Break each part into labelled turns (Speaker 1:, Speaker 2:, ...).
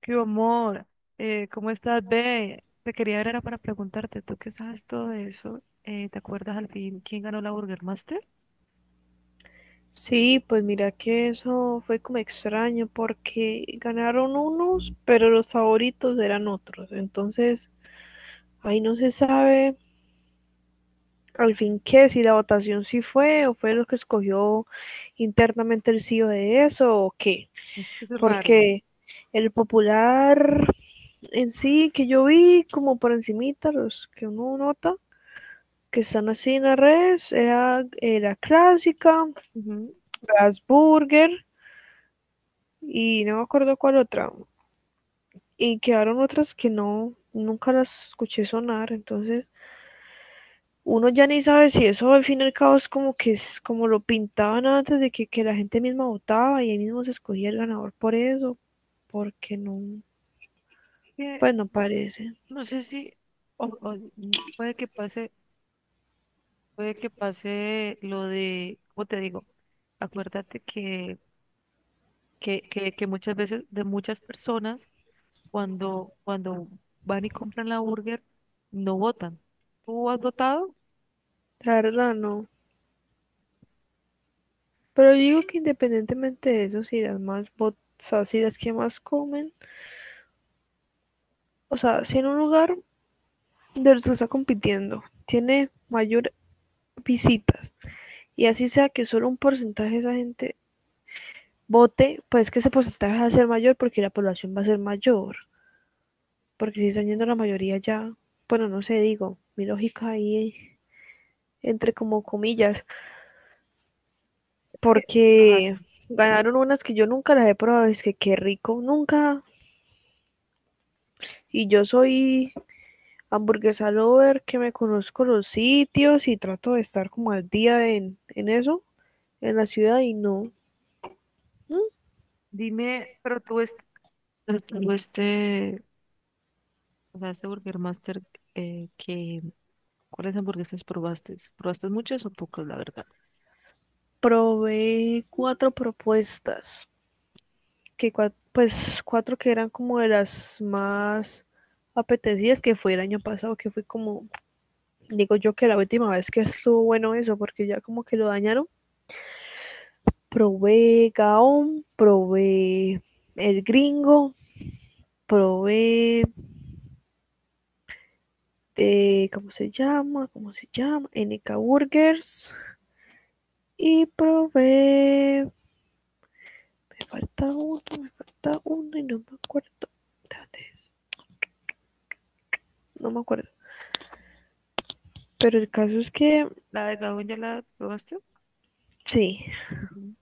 Speaker 1: Qué amor, ¿cómo estás, ve? Te quería ver, era para preguntarte, tú que sabes todo eso, ¿te acuerdas al fin quién ganó la Burger Master?
Speaker 2: Sí, pues mira que eso fue como extraño porque ganaron unos, pero los favoritos eran otros. Entonces, ahí no se sabe al fin qué, si la votación sí fue o fue los que escogió internamente el CEO de eso o qué.
Speaker 1: Es que eso es raro.
Speaker 2: Porque el popular en sí que yo vi como por encimita, los que uno nota, que están así en las redes, era la clásica,
Speaker 1: Ujú.
Speaker 2: las burger y no me acuerdo cuál otra. Y quedaron otras que no, nunca las escuché sonar. Entonces uno ya ni sabe si eso al fin y al cabo es como que es como lo pintaban antes de que, la gente misma votaba y ahí mismo se escogía el ganador por eso, porque no,
Speaker 1: Que
Speaker 2: pues no parece,
Speaker 1: no sé si, y puede que pase lo de, ¿cómo te digo? Acuérdate que muchas veces de muchas personas, cuando van y compran la burger, no votan. ¿Tú has votado?
Speaker 2: la verdad no. Pero yo digo que independientemente de eso, si las más votadas, o sea, si las que más comen, o sea, si en un lugar de los que está compitiendo tiene mayor visitas y así sea que solo un porcentaje de esa gente vote, pues que ese porcentaje va a ser mayor porque la población va a ser mayor. Porque si están yendo la mayoría ya, bueno, no sé, digo, mi lógica ahí entre como comillas, porque ganaron unas que yo nunca las he probado, es que qué rico, nunca. Y yo soy hamburguesa lover, que me conozco los sitios y trato de estar como al día en eso, en la ciudad y no. ¿Mm?
Speaker 1: Dime, pero tú, o sea, este Burger Master, eh, que, ¿cuáles hamburguesas probaste? ¿Probaste muchas o pocas, la verdad?
Speaker 2: Probé cuatro propuestas que pues cuatro que eran como de las más apetecidas que fue el año pasado, que fue como, digo yo que la última vez que estuvo bueno eso, porque ya como que lo dañaron. Probé Gaon, probé el gringo, probé, ¿cómo se llama? ¿Cómo se llama? N K Burgers. Y probé, me falta uno y no me acuerdo. ¿Dónde es? No me acuerdo. Pero el caso es que,
Speaker 1: ¿La de Gabón ya la probaste?
Speaker 2: sí,
Speaker 1: Ujú.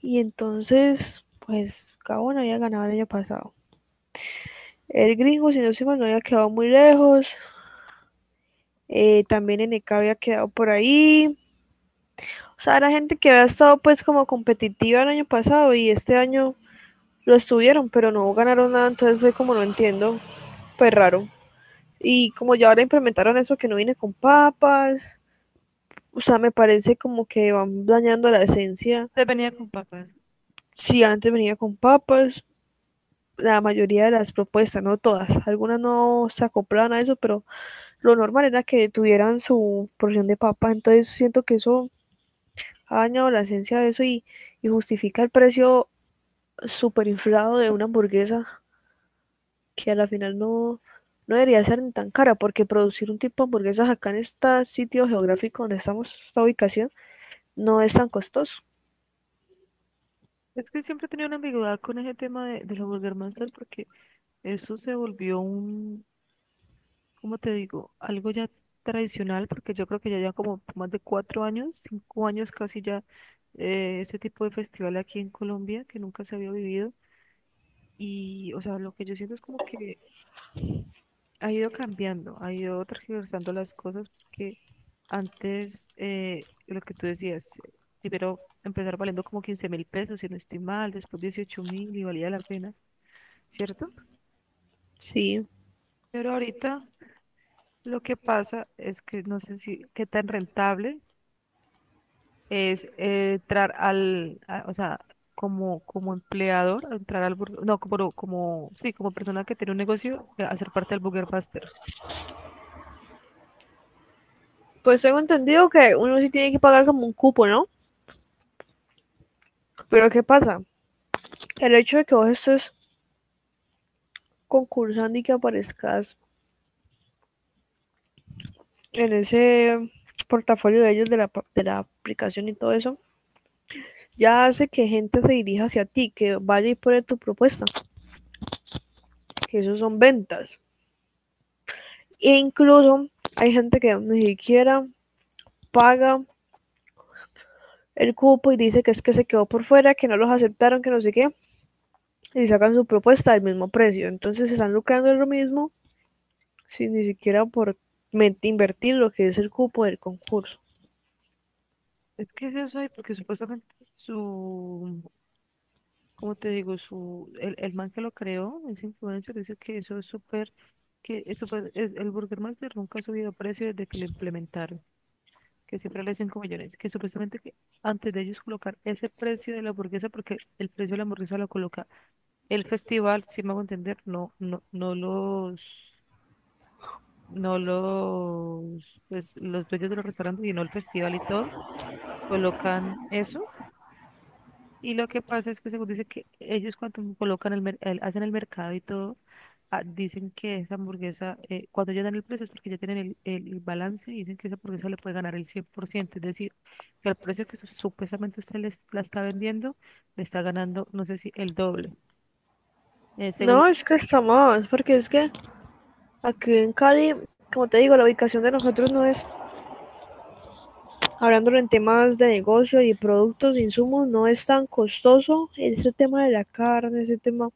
Speaker 2: y entonces, pues Gabón había ganado el año pasado. El gringo, si no se mal, no había quedado muy lejos. También Eneca había quedado por ahí. O sea, era gente que había estado pues como competitiva el año pasado y este año lo estuvieron, pero no ganaron nada, entonces fue como no entiendo, pues raro. Y como ya ahora implementaron eso que no viene con papas, o sea, me parece como que van dañando la esencia.
Speaker 1: Te venía con papas.
Speaker 2: Si antes venía con papas, la mayoría de las propuestas, no todas. Algunas no se acoplaban a eso, pero lo normal era que tuvieran su porción de papa. Entonces siento que eso ha dañado la esencia de eso y justifica el precio súper inflado de una hamburguesa que a la final no, no debería ser ni tan cara, porque producir un tipo de hamburguesas acá en este sitio geográfico donde estamos, esta ubicación, no es tan costoso.
Speaker 1: Es que siempre he tenido una ambigüedad con ese tema de la Burger Master, porque eso se volvió, un como te digo, algo ya tradicional, porque yo creo que ya lleva como más de 4 años, 5 años casi ya, este tipo de festival aquí en Colombia que nunca se había vivido. Y, o sea, lo que yo siento es como que ha ido cambiando, ha ido tergiversando las cosas, porque antes, lo que tú decías, primero empezar valiendo como 15.000 pesos, si no estoy mal, después 18.000, y valía la pena, ¿cierto?
Speaker 2: Sí.
Speaker 1: Pero ahorita lo que pasa es que no sé si qué tan rentable es, entrar o sea, como empleador, entrar al burger, no, sí, como persona que tiene un negocio, hacer parte del Burger Master.
Speaker 2: Pues tengo entendido que uno sí tiene que pagar como un cupo, ¿no? Pero ¿qué pasa? El hecho de que vos estés concursando y que aparezcas en ese portafolio de ellos de la aplicación y todo eso, ya hace que gente se dirija hacia ti, que vaya y pone tu propuesta, que eso son ventas. E incluso hay gente que ni siquiera paga el cupo y dice que es que se quedó por fuera, que no los aceptaron, que no sé qué, y sacan su propuesta al mismo precio. Entonces se están lucrando de lo mismo sin ni siquiera por invertir lo que es el cupo del concurso.
Speaker 1: Es que es eso, y porque supuestamente su, como te digo, su, el man que lo creó, ese influencer, dice que eso es súper, que es súper, el Burger Master nunca ha subido precio desde que lo implementaron, que siempre le hacen 5 millones, que supuestamente, que antes de ellos colocar ese precio de la hamburguesa, porque el precio de la hamburguesa lo coloca el festival, si me hago entender, no, no, no los, pues, los dueños de los restaurantes, sino el festival y todo, colocan eso. Y lo que pasa es que, según dice, que ellos cuando colocan hacen el mercado y todo, dicen que esa hamburguesa, cuando ya dan el precio, es porque ya tienen el balance, y dicen que esa hamburguesa le puede ganar el 100%. Es decir, que al precio que supuestamente usted les, la está vendiendo, le está ganando, no sé si el doble. Eh, según
Speaker 2: No,
Speaker 1: lo-
Speaker 2: es que está más, porque es que aquí en Cali, como te digo, la ubicación de nosotros no es, hablándolo en temas de negocio y productos, insumos, no es tan costoso. Ese tema de la carne, ese tema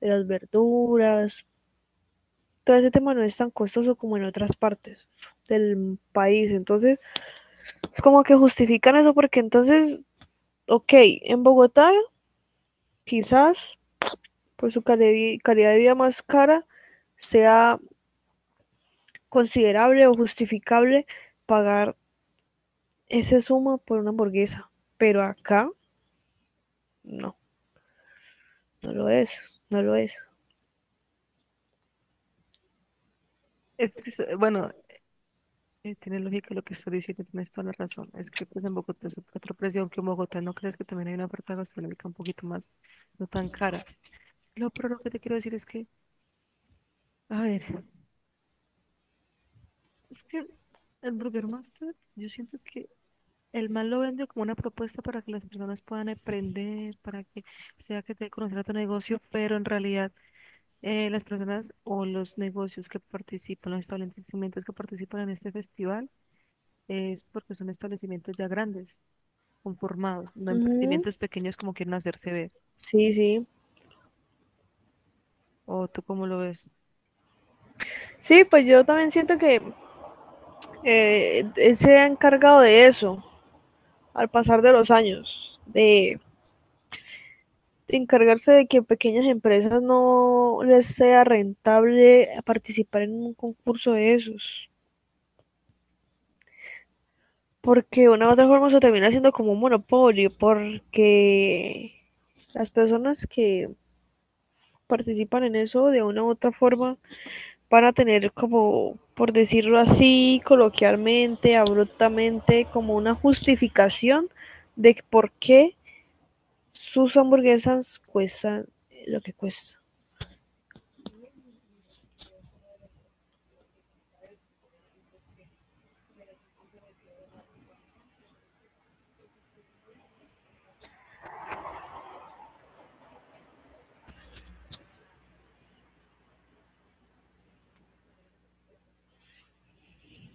Speaker 2: de las verduras, todo ese tema no es tan costoso como en otras partes del país. Entonces, es como que justifican eso porque entonces, ok, en Bogotá quizás por su calidad de vida más cara sea considerable o justificable pagar ese suma por una hamburguesa, pero acá no, no lo es, no lo es.
Speaker 1: es que, bueno, tiene lógica lo que estoy diciendo, tienes toda la razón. Es que, pues, en Bogotá es otra presión que en Bogotá. ¿No crees que también hay una oferta gastronómica un poquito más, no tan cara? Lo pero lo que te quiero decir es que, a ver, es que el Burger Master, yo siento que el man lo vende como una propuesta para que las personas puedan aprender, para que sea que te conocer a tu negocio, pero en realidad, las personas o los negocios que participan, los establecimientos que participan en este festival, es porque son establecimientos ya grandes, conformados, no
Speaker 2: Ujú.
Speaker 1: emprendimientos pequeños como quieren hacerse ver.
Speaker 2: Sí, sí.
Speaker 1: ¿O tú cómo lo ves?
Speaker 2: Sí, pues yo también siento que él se ha encargado de eso al pasar de los años, de encargarse de que pequeñas empresas no les sea rentable participar en un concurso de esos, porque de una u otra forma se termina haciendo como un monopolio, porque las personas que participan en eso de una u otra forma van a tener como, por decirlo así, coloquialmente, abruptamente, como una justificación de por qué sus hamburguesas cuestan lo que cuesta.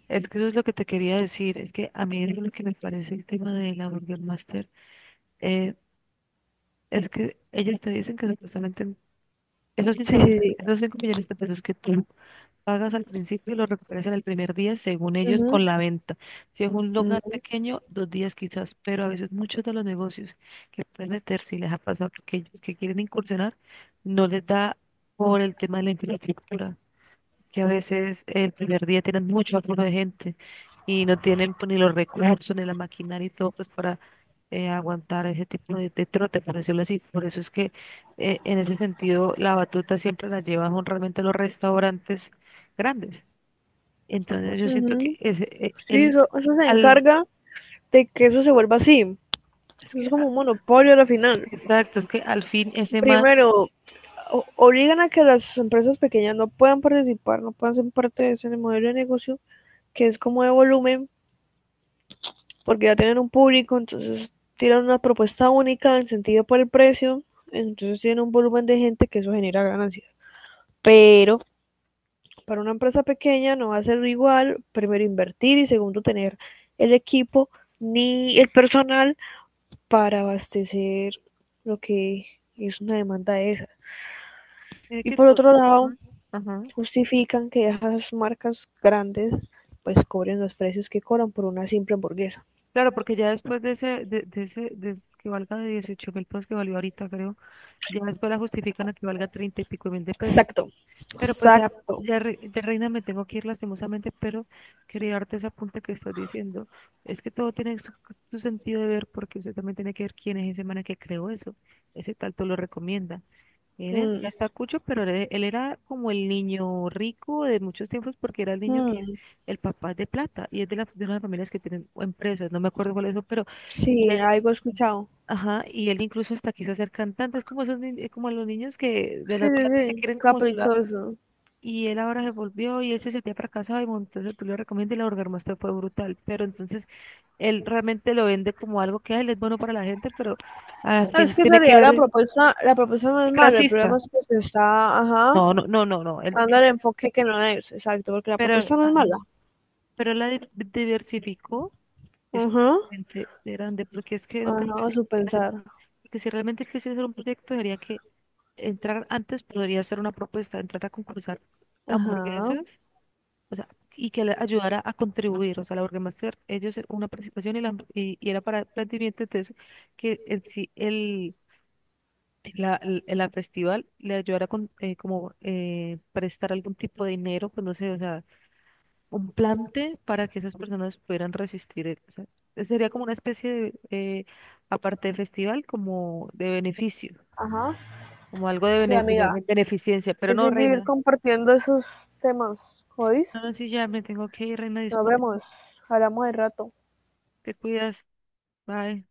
Speaker 1: Es que eso es lo que te quería decir, es que a mí es lo que me parece el tema de la Burger Master. eh, es que ellos te dicen que supuestamente esos 5
Speaker 2: Sí, sí,
Speaker 1: millones,
Speaker 2: sí.
Speaker 1: esos 5 millones de pesos que tú pagas al principio, y los recuperas en el primer día, según ellos,
Speaker 2: Ujú,
Speaker 1: con la venta. Si es un lugar
Speaker 2: ujú,
Speaker 1: pequeño, 2 días quizás, pero a veces muchos de los negocios que pueden meterse, y les ha pasado a aquellos que quieren incursionar, no les da por el tema de la infraestructura, que a veces el primer día tienen mucho aflujo de gente y no tienen, pues, ni los recursos, ni la maquinaria y todo, pues, para, aguantar ese tipo de trote, por decirlo así. Por eso es que, en ese sentido, la batuta siempre la llevan son realmente los restaurantes grandes. Entonces yo siento que
Speaker 2: ujú. Sí, eso se
Speaker 1: al,
Speaker 2: encarga de que eso se vuelva así.
Speaker 1: es
Speaker 2: Eso es
Speaker 1: que,
Speaker 2: como un monopolio a la final.
Speaker 1: exacto, es que al fin ese man
Speaker 2: Primero, obligan a que las empresas pequeñas no puedan participar, no puedan ser parte de ese modelo de negocio que es como de volumen porque ya tienen un público, entonces tiran una propuesta única en sentido por el precio, entonces tienen un volumen de gente que eso genera ganancias. Pero para una empresa pequeña no va a ser igual, primero invertir y segundo tener el equipo ni el personal para abastecer lo que es una demanda de esa.
Speaker 1: tiene
Speaker 2: Y
Speaker 1: que...
Speaker 2: por
Speaker 1: to-
Speaker 2: otro lado,
Speaker 1: ¿no? Ajá.
Speaker 2: justifican que esas marcas grandes pues cobren los precios que cobran por una simple hamburguesa.
Speaker 1: Claro, porque ya después de ese, que valga de 18.000 pesos, que valió ahorita, creo. Ya después la justifican a que valga 30 y pico mil de pesos.
Speaker 2: Exacto,
Speaker 1: Pero, pues,
Speaker 2: exacto.
Speaker 1: ya, Reina, me tengo que ir lastimosamente, pero quería darte esa punta que estás diciendo. Es que todo tiene su sentido de ver, porque usted también tiene que ver quién es ese man que creó eso, ese tanto lo recomienda. Él ya está
Speaker 2: Mm.
Speaker 1: cucho, pero él era como el niño rico de muchos tiempos, porque era el niño que
Speaker 2: Mm,
Speaker 1: el papá es de plata, y es de una de las familias que tienen empresas. No me acuerdo cuál es eso, pero.
Speaker 2: sí, algo he escuchado.
Speaker 1: Ajá, y él incluso hasta quiso ser cantante, es como esos como los niños que de
Speaker 2: Sí,
Speaker 1: la
Speaker 2: sí,
Speaker 1: plata que
Speaker 2: sí,
Speaker 1: quieren como su lado.
Speaker 2: caprichoso.
Speaker 1: Y él ahora se volvió, y él se sentía fracasado, y bueno, entonces tú le recomiendas, y la orgasmuestra fue brutal. Pero entonces, él realmente lo vende como algo que él es bueno para la gente, pero al
Speaker 2: No, es
Speaker 1: fin
Speaker 2: que en
Speaker 1: tiene que
Speaker 2: realidad
Speaker 1: ver,
Speaker 2: la propuesta no
Speaker 1: es
Speaker 2: es mala, el problema
Speaker 1: clasista.
Speaker 2: es que se está, ajá,
Speaker 1: No, no, no, no, no.
Speaker 2: dando el enfoque que no es, exacto, porque la
Speaker 1: Pero,
Speaker 2: propuesta no es mala.
Speaker 1: pero él diversificó, es
Speaker 2: Ajá,
Speaker 1: realmente grande, porque es que no creo que
Speaker 2: ajá,
Speaker 1: sí.
Speaker 2: su pensar.
Speaker 1: Porque si realmente quisiera hacer un proyecto, debería que entrar antes, podría hacer una propuesta, entrar a concursar
Speaker 2: Ajá,
Speaker 1: hamburguesas, o sea, y que le ayudara a contribuir. O sea, la Burgermaster, ellos era una participación, y y era para el planteamiento. Entonces, que en sí el festival le ayudara con, como prestar algún tipo de dinero, pues no sé, o sea, un plante para que esas personas pudieran resistir, o sea, sería como una especie de, aparte de festival, como de beneficio,
Speaker 2: ajá.
Speaker 1: como algo de
Speaker 2: Sí,
Speaker 1: bene-
Speaker 2: amiga,
Speaker 1: bene-
Speaker 2: hay
Speaker 1: beneficencia. Pero
Speaker 2: que
Speaker 1: no,
Speaker 2: seguir
Speaker 1: reina.
Speaker 2: compartiendo esos temas, ¿oís?
Speaker 1: No, no, sí, ya me tengo que ir, reina.
Speaker 2: Nos
Speaker 1: Disculpe,
Speaker 2: vemos, hablamos de rato.
Speaker 1: te cuidas. Bye.